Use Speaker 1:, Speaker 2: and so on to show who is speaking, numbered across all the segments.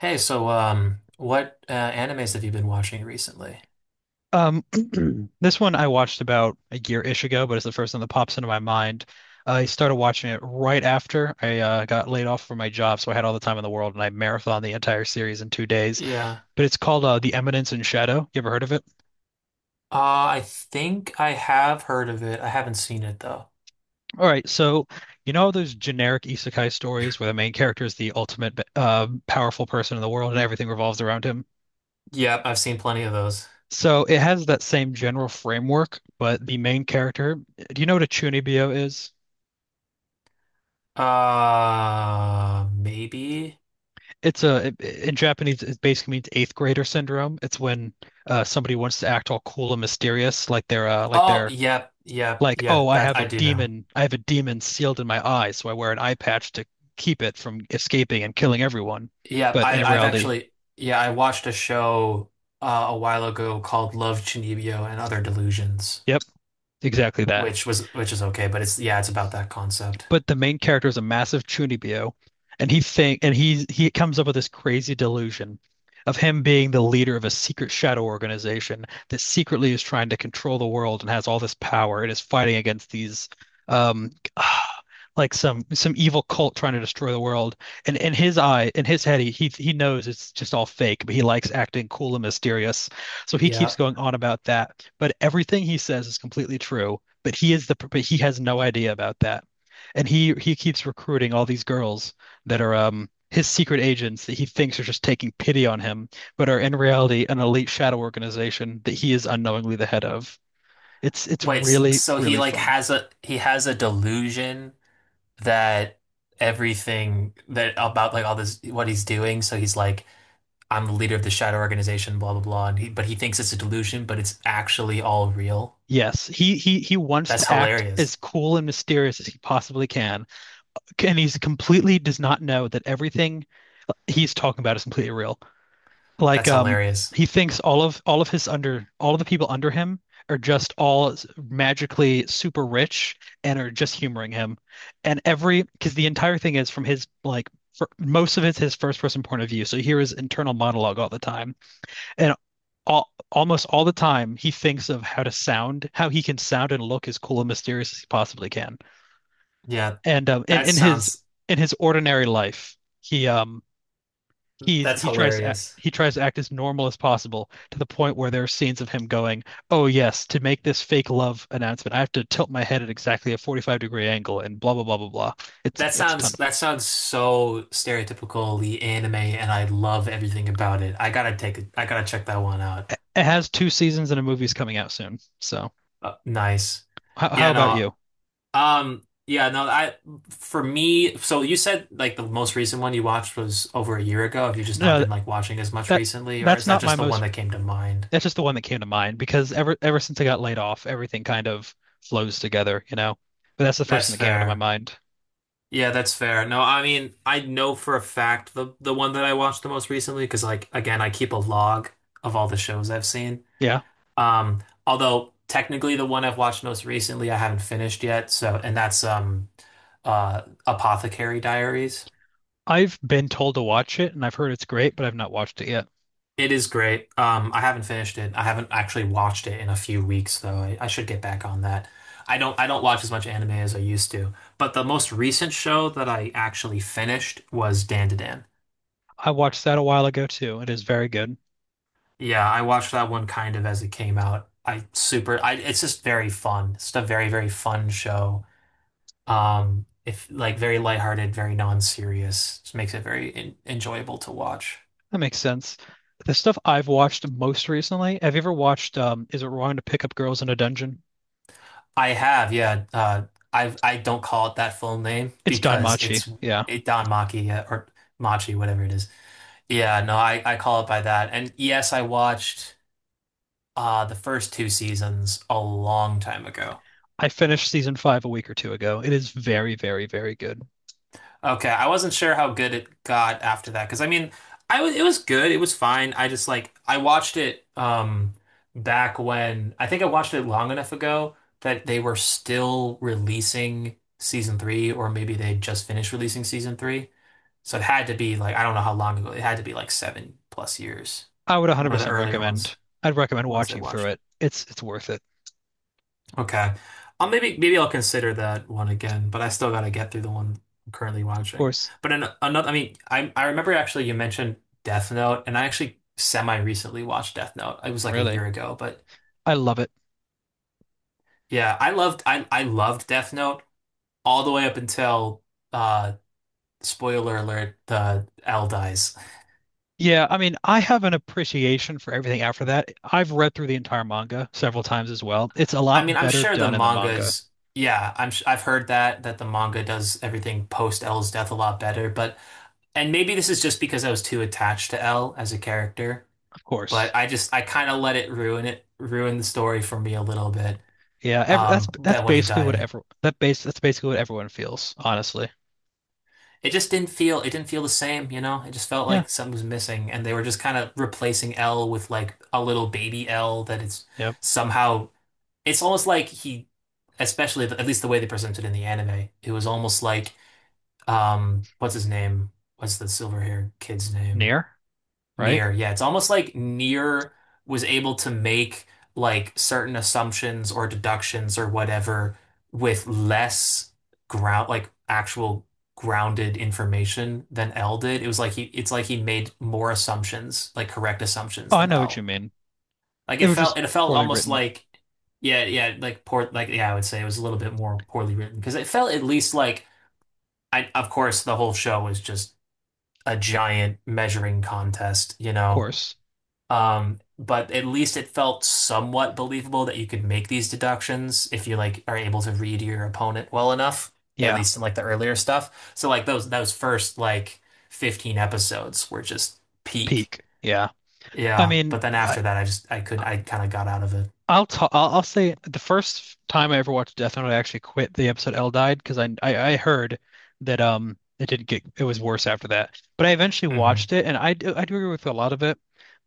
Speaker 1: Hey, so what animes have you been watching recently?
Speaker 2: Um, this one I watched about a year-ish ago, but it's the first one that pops into my mind. I started watching it right after I got laid off from my job, so I had all the time in the world, and I marathoned the entire series in 2 days.
Speaker 1: Yeah.
Speaker 2: But it's called The Eminence in Shadow. You ever heard of it?
Speaker 1: Uh, I think I have heard of it. I haven't seen it though.
Speaker 2: All right, so you know those generic isekai stories where the main character is the ultimate powerful person in the world and everything revolves around him?
Speaker 1: Yep, I've seen plenty of those.
Speaker 2: So it has that same general framework, but the main character, do you know what a Chunibyo is?
Speaker 1: Maybe.
Speaker 2: In Japanese it basically means eighth grader syndrome. It's when somebody wants to act all cool and mysterious, like they're like
Speaker 1: Oh,
Speaker 2: they're
Speaker 1: yep, yep,
Speaker 2: like, oh,
Speaker 1: yep,
Speaker 2: I
Speaker 1: that
Speaker 2: have a
Speaker 1: I do know.
Speaker 2: demon, I have a demon sealed in my eye, so I wear an eye patch to keep it from escaping and killing everyone.
Speaker 1: Yep,
Speaker 2: But in
Speaker 1: I I've
Speaker 2: reality,
Speaker 1: actually yeah, I watched a show a while ago called Love, Chinibyo and Other Delusions,
Speaker 2: yep, exactly that.
Speaker 1: which is okay, but it's about that concept.
Speaker 2: But the main character is a massive chunibyo, and he think and he comes up with this crazy delusion of him being the leader of a secret shadow organization that secretly is trying to control the world and has all this power and is fighting against these um like some evil cult trying to destroy the world. And in his eye, in his head, he knows it's just all fake, but he likes acting cool and mysterious. So he keeps
Speaker 1: Yeah.
Speaker 2: going on about that. But everything he says is completely true. But he has no idea about that. And he keeps recruiting all these girls that are his secret agents that he thinks are just taking pity on him, but are in reality an elite shadow organization that he is unknowingly the head of. It's
Speaker 1: Wait, s-
Speaker 2: really,
Speaker 1: so he
Speaker 2: really
Speaker 1: like
Speaker 2: fun.
Speaker 1: has a he has a delusion that everything that about like all this what he's doing. So he's like, I'm the leader of the shadow organization, blah blah blah. And he thinks it's a delusion, but it's actually all real.
Speaker 2: Yes, he wants
Speaker 1: That's
Speaker 2: to act as
Speaker 1: hilarious.
Speaker 2: cool and mysterious as he possibly can, and he's completely does not know that everything he's talking about is completely real. Like
Speaker 1: That's hilarious.
Speaker 2: he thinks all of the people under him are just magically super rich and are just humoring him. And every because the entire thing is from his like most of it's his first person point of view. So you hear his internal monologue all the time. And all almost all the time he thinks of how to sound, how he can sound and look as cool and mysterious as he possibly can.
Speaker 1: Yeah,
Speaker 2: And
Speaker 1: that sounds
Speaker 2: in his ordinary life, he
Speaker 1: that's
Speaker 2: he tries to act,
Speaker 1: hilarious.
Speaker 2: he tries to act as normal as possible to the point where there are scenes of him going, "Oh yes, to make this fake love announcement, I have to tilt my head at exactly a 45-degree angle and blah blah blah blah blah."
Speaker 1: That
Speaker 2: It's a ton
Speaker 1: sounds
Speaker 2: of.
Speaker 1: that sounds so stereotypically anime, and I love everything about it. I gotta check that one out.
Speaker 2: It has two seasons and a movie's coming out soon. So
Speaker 1: Nice.
Speaker 2: how
Speaker 1: Yeah,
Speaker 2: about
Speaker 1: no,
Speaker 2: you?
Speaker 1: Yeah, no, I for me, so you said like the most recent one you watched was over a year ago. Have you just not
Speaker 2: No,
Speaker 1: been like watching as much
Speaker 2: that
Speaker 1: recently, or
Speaker 2: that's
Speaker 1: is that
Speaker 2: not
Speaker 1: just
Speaker 2: my
Speaker 1: the one
Speaker 2: most.
Speaker 1: that came to mind?
Speaker 2: That's just the one that came to mind because ever since I got laid off, everything kind of flows together, you know. But that's the first
Speaker 1: That's
Speaker 2: thing that came out of my
Speaker 1: fair.
Speaker 2: mind.
Speaker 1: Yeah, that's fair. No, I mean, I know for a fact the one that I watched the most recently because like again, I keep a log of all the shows I've seen.
Speaker 2: Yeah,
Speaker 1: Although technically the one I've watched most recently I haven't finished yet, so and that's Apothecary Diaries.
Speaker 2: I've been told to watch it and I've heard it's great, but I've not watched it yet.
Speaker 1: It is great. I haven't finished it. I haven't actually watched it in a few weeks, though. I should get back on that. I don't watch as much anime as I used to. But the most recent show that I actually finished was Dandadan.
Speaker 2: I watched that a while ago too. It is very good.
Speaker 1: Yeah, I watched that one kind of as it came out. I super I It's just very fun. It's a very, very fun show. If like very lighthearted, very non-serious. Just makes it very en enjoyable to watch.
Speaker 2: That makes sense. The stuff I've watched most recently, have you ever watched Is It Wrong to Pick Up Girls in a Dungeon?
Speaker 1: I have, yeah. I don't call it that full name
Speaker 2: It's Don
Speaker 1: because
Speaker 2: Machi.
Speaker 1: it's
Speaker 2: Yeah.
Speaker 1: it Don Machi or Machi, whatever it is. Yeah, no, I call it by that. And yes, I watched the first two seasons a long time ago.
Speaker 2: I finished season five a week or two ago. It is very, very, very good.
Speaker 1: Okay, I wasn't sure how good it got after that because I mean, I was it was good, it was fine. I just like I watched it back when I think I watched it long enough ago that they were still releasing season three, or maybe they just finished releasing season three. So it had to be like I don't know how long ago. It had to be like seven plus years.
Speaker 2: I would
Speaker 1: One of the
Speaker 2: 100%
Speaker 1: earlier
Speaker 2: recommend.
Speaker 1: ones,
Speaker 2: I'd recommend
Speaker 1: ones they
Speaker 2: watching through
Speaker 1: watched.
Speaker 2: it. It's worth it.
Speaker 1: Okay. I'll maybe maybe I'll consider that one again, but I still gotta get through the one I'm currently
Speaker 2: Of
Speaker 1: watching.
Speaker 2: course,
Speaker 1: But in another, I mean, I remember actually you mentioned Death Note, and I actually semi recently watched Death Note. It was like a
Speaker 2: really.
Speaker 1: year ago, but
Speaker 2: I love it.
Speaker 1: yeah, I loved Death Note all the way up until uh spoiler alert, the L dies.
Speaker 2: Yeah, I mean, I have an appreciation for everything after that. I've read through the entire manga several times as well. It's a
Speaker 1: I mean,
Speaker 2: lot
Speaker 1: I'm
Speaker 2: better
Speaker 1: sure the
Speaker 2: done in the manga,
Speaker 1: manga's yeah, I've heard that the manga does everything post L's death a lot better, but and maybe this is just because I was too attached to L as a character,
Speaker 2: of course.
Speaker 1: but I kind of let it ruin the story for me a little bit.
Speaker 2: Yeah, ev that's
Speaker 1: But when he
Speaker 2: basically what
Speaker 1: died,
Speaker 2: ever that base that's basically what everyone feels, honestly.
Speaker 1: it just didn't feel the same, you know? It just felt
Speaker 2: Yeah,
Speaker 1: like something was missing and they were just kind of replacing L with like a little baby L that it's
Speaker 2: yep.
Speaker 1: somehow it's almost like he especially at least the way they presented in the anime, it was almost like what's his name? What's the silver haired kid's name?
Speaker 2: Near, right?
Speaker 1: Near. Yeah, it's almost like Near was able to make like certain assumptions or deductions or whatever with less ground like actual grounded information than L did. It was like he it's like he made more assumptions, like correct
Speaker 2: Oh,
Speaker 1: assumptions
Speaker 2: I
Speaker 1: than
Speaker 2: know what you
Speaker 1: L.
Speaker 2: mean.
Speaker 1: Like
Speaker 2: It
Speaker 1: it
Speaker 2: was
Speaker 1: felt
Speaker 2: just
Speaker 1: it felt
Speaker 2: poorly
Speaker 1: almost
Speaker 2: written, of
Speaker 1: like yeah, yeah, like poor like yeah, I would say it was a little bit more poorly written because it felt at least like I of course the whole show was just a giant measuring contest, you know.
Speaker 2: course.
Speaker 1: But at least it felt somewhat believable that you could make these deductions if you like are able to read your opponent well enough, at
Speaker 2: Yeah,
Speaker 1: least in like the earlier stuff. So like those first like 15 episodes were just peak.
Speaker 2: peak. Yeah. I
Speaker 1: Yeah,
Speaker 2: mean,
Speaker 1: but then after that I couldn't I kind of got out of it.
Speaker 2: I'll say the first time I ever watched Death Note, I actually quit the episode L died because I heard that it didn't get it was worse after that. But I eventually watched
Speaker 1: Hmm.
Speaker 2: it, and I do agree with a lot of it,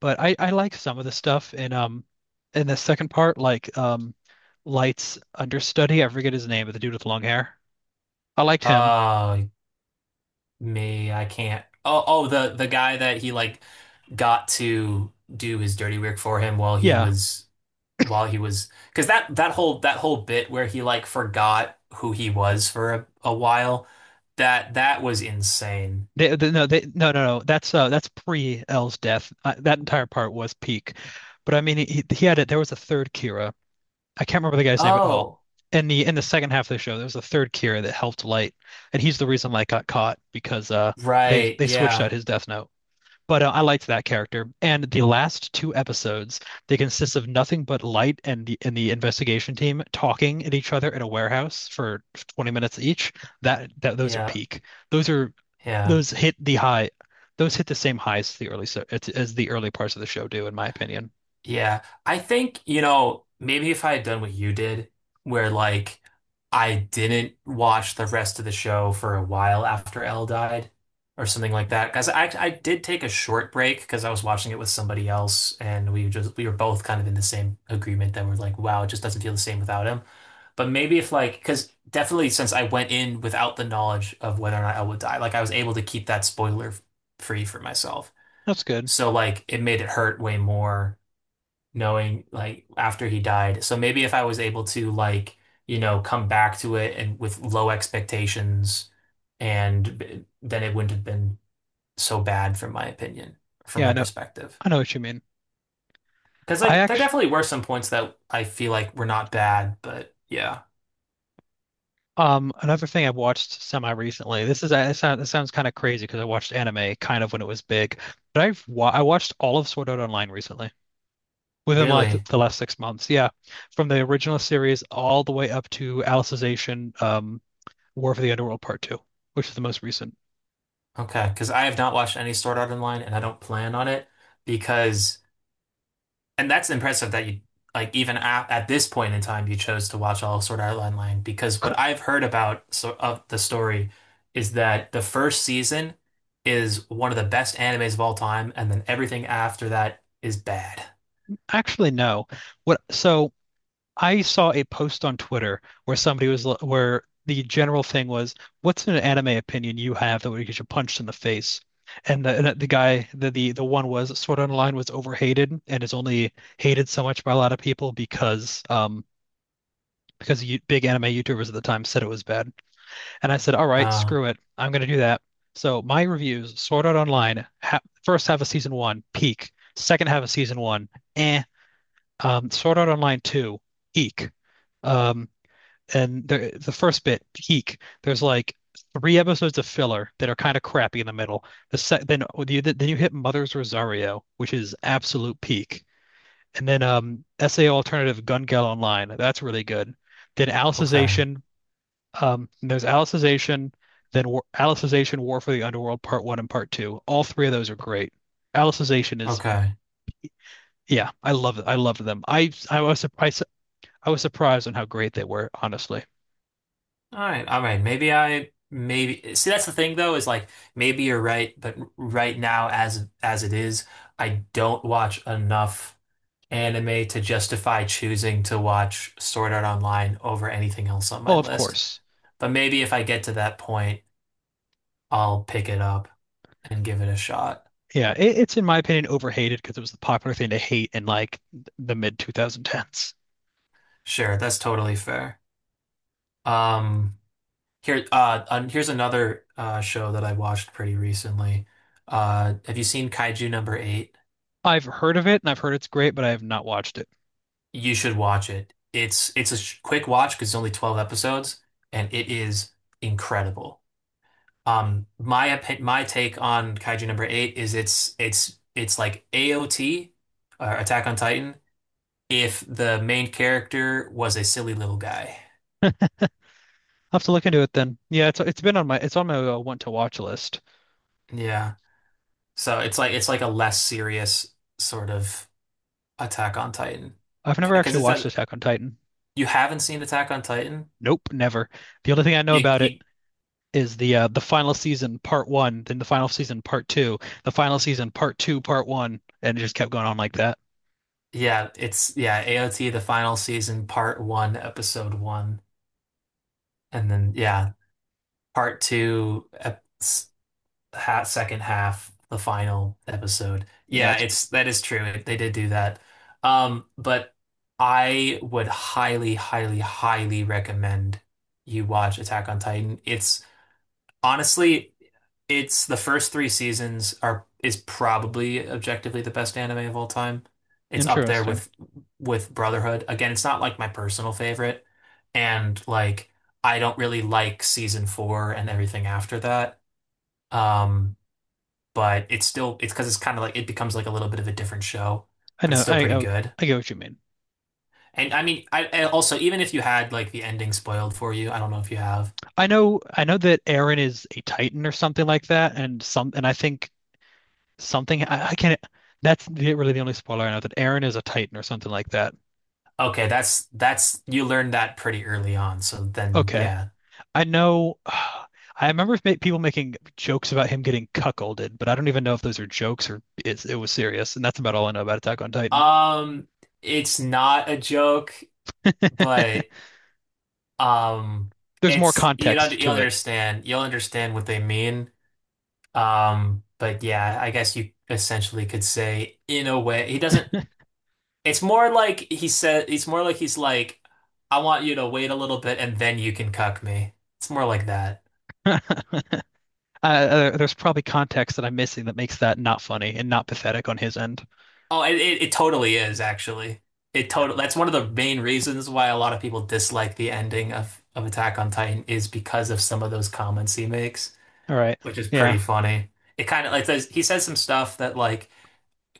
Speaker 2: but I like some of the stuff in the second part, like Light's understudy. I forget his name, but the dude with long hair. I liked him.
Speaker 1: Uh, me, I can't. Oh, oh, the guy that he like got to do his dirty work for him while he
Speaker 2: Yeah.
Speaker 1: was because that whole bit where he like forgot who he was for a while that that was insane.
Speaker 2: No, no. That's pre L's death. That entire part was peak, but I mean, he had it. There was a third Kira, I can't remember the guy's name at all.
Speaker 1: Oh,
Speaker 2: In the second half of the show, there was a third Kira that helped Light, and he's the reason Light got caught because
Speaker 1: right.
Speaker 2: they switched out
Speaker 1: Yeah.
Speaker 2: his Death Note. But I liked that character, and the last two episodes they consist of nothing but Light and the investigation team talking at each other at a warehouse for 20 minutes each. That that those are
Speaker 1: Yeah.
Speaker 2: peak. Those are
Speaker 1: Yeah.
Speaker 2: those hit the high those hit the same highs as the early so as the early parts of the show do, in my opinion.
Speaker 1: Yeah, I think, you know, maybe if I had done what you did, where like I didn't watch the rest of the show for a while after Elle died or something like that. Because I did take a short break because I was watching it with somebody else and we were both kind of in the same agreement that we're like, wow, it just doesn't feel the same without him. But maybe if like, because definitely since I went in without the knowledge of whether or not Elle would die, like I was able to keep that spoiler free for myself.
Speaker 2: That's good.
Speaker 1: So like it made it hurt way more knowing like after he died. So maybe if I was able to like, you know, come back to it and with low expectations then it wouldn't have been so bad from my opinion, from
Speaker 2: Yeah, I
Speaker 1: my
Speaker 2: know.
Speaker 1: perspective.
Speaker 2: I know what you mean.
Speaker 1: Because
Speaker 2: I
Speaker 1: like there
Speaker 2: actually,
Speaker 1: definitely were some points that I feel like were not bad, but yeah,
Speaker 2: another thing I watched semi recently. This is it sounds kind of crazy because I watched anime kind of when it was big, but I watched all of Sword Art Online recently. Within like
Speaker 1: really.
Speaker 2: the last 6 months, yeah. From the original series all the way up to Alicization, War for the Underworld Part Two, which is the most recent.
Speaker 1: Okay, because I have not watched any Sword Art Online and I don't plan on it because and that's impressive that you like even at this point in time you chose to watch all of Sword Art Online because
Speaker 2: Cool.
Speaker 1: what I've heard about so of the story is that the first season is one of the best animes of all time, and then everything after that is bad.
Speaker 2: Actually, no. What? So I saw a post on Twitter where somebody was where the general thing was, "What's an anime opinion you have that would get you punched in the face?" And the guy the one was Sword Art Online was overhated and is only hated so much by a lot of people because you, big anime YouTubers at the time said it was bad. And I said, all right,
Speaker 1: Uh,
Speaker 2: screw it. I'm going to do that. So my reviews, Sword Art online, ha first half of season one, peak. Second half of season one, eh. Sort out online two, eek. Um, and the first bit, peak. There's like three episodes of filler that are kind of crappy in the middle. Then you hit Mother's Rosario, which is absolute peak. And then SAO Alternative Gun Gale Online, that's really good. Then
Speaker 1: okay,
Speaker 2: Alicization, there's Alicization, then War Alicization, War for the Underworld, Part One and Part Two. All three of those are great. Alicization is,
Speaker 1: okay,
Speaker 2: yeah, I love it. I loved them. I was surprised. I was surprised on how great they were, honestly.
Speaker 1: all right, all right. Maybe see that's the thing though is like maybe you're right, but right now as it is, I don't watch enough anime to justify choosing to watch Sword Art Online over anything else on my
Speaker 2: Oh, of
Speaker 1: list.
Speaker 2: course.
Speaker 1: But maybe if I get to that point, I'll pick it up and give it a shot.
Speaker 2: Yeah, it's in my opinion overhated because it was the popular thing to hate in like the mid 2010s.
Speaker 1: Sure, that's totally fair. Um, here, here's another show that I watched pretty recently. Have you seen Kaiju number eight?
Speaker 2: I've heard of it and I've heard it's great, but I have not watched it.
Speaker 1: You should watch it. It's a sh quick watch because it's only 12 episodes, and it is incredible. My take on Kaiju number eight is it's like AOT or Attack on Titan if the main character was a silly little guy.
Speaker 2: I'll have to look into it then. Yeah, it's on my want to watch list.
Speaker 1: Yeah. So it's like a less serious sort of Attack on Titan.
Speaker 2: I've never
Speaker 1: Because
Speaker 2: actually
Speaker 1: it's
Speaker 2: watched
Speaker 1: that
Speaker 2: Attack on Titan.
Speaker 1: you haven't seen Attack on Titan?
Speaker 2: Nope, never. The only thing I know
Speaker 1: You
Speaker 2: about it
Speaker 1: you
Speaker 2: is the final season part one, then the final season part two, the final season part two, part one, and it just kept going on like that.
Speaker 1: yeah, it's yeah, AOT the final season part 1 episode 1 and then yeah, part 2 ep- ha second half, the final episode.
Speaker 2: Yeah,
Speaker 1: Yeah,
Speaker 2: it's
Speaker 1: it's that is true. They did do that. But I would highly, highly, highly recommend you watch Attack on Titan. It's honestly, it's the first three seasons are is probably objectively the best anime of all time. It's up there
Speaker 2: interesting.
Speaker 1: with Brotherhood. Again, it's not like my personal favorite, and like I don't really like season four and everything after that. Um, but it's still it's because it's kind of like it becomes like a little bit of a different show,
Speaker 2: I
Speaker 1: but it's
Speaker 2: know.
Speaker 1: still pretty good.
Speaker 2: I get what you mean.
Speaker 1: And I mean, I also even if you had like the ending spoiled for you, I don't know if you have.
Speaker 2: I know. I know that Aaron is a Titan or something like that, and some and I think I can't. That's really the only spoiler I know that Aaron is a Titan or something like that.
Speaker 1: Okay, that's you learned that pretty early on. So then,
Speaker 2: Okay,
Speaker 1: yeah.
Speaker 2: I know. I remember people making jokes about him getting cuckolded, but I don't even know if those are jokes it was serious. And that's about all I know about Attack on Titan.
Speaker 1: Um, it's not a joke, but um,
Speaker 2: There's more
Speaker 1: it's you know
Speaker 2: context to it.
Speaker 1: you'll understand what they mean. But yeah, I guess you essentially could say in a way he doesn't. It's more like he's like, I want you to wait a little bit and then you can cuck me. It's more like that.
Speaker 2: uh, there's probably context that I'm missing that makes that not funny and not pathetic on his end.
Speaker 1: Oh, it totally is actually. It total That's one of the main reasons why a lot of people dislike the ending of Attack on Titan is because of some of those comments he makes,
Speaker 2: All right.
Speaker 1: which is
Speaker 2: Yeah,
Speaker 1: pretty funny. It kind of like says He says some stuff that like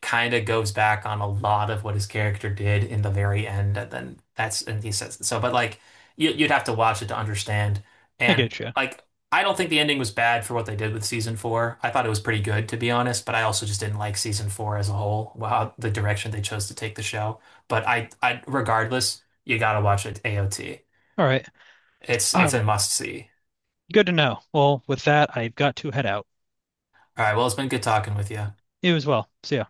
Speaker 1: kind of goes back on a lot of what his character did in the very end, and then that's and he says so. But like you'd have to watch it to understand.
Speaker 2: I
Speaker 1: And
Speaker 2: get you.
Speaker 1: like I don't think the ending was bad for what they did with season four. I thought it was pretty good to be honest, but I also just didn't like season four as a whole. Wow, the direction they chose to take the show. But I regardless, you gotta watch it, AOT.
Speaker 2: All right.
Speaker 1: It's
Speaker 2: Um,
Speaker 1: a must see.
Speaker 2: good to know. Well, with that, I've got to head out.
Speaker 1: All right, well, it's been good talking with you.
Speaker 2: You as well. See ya.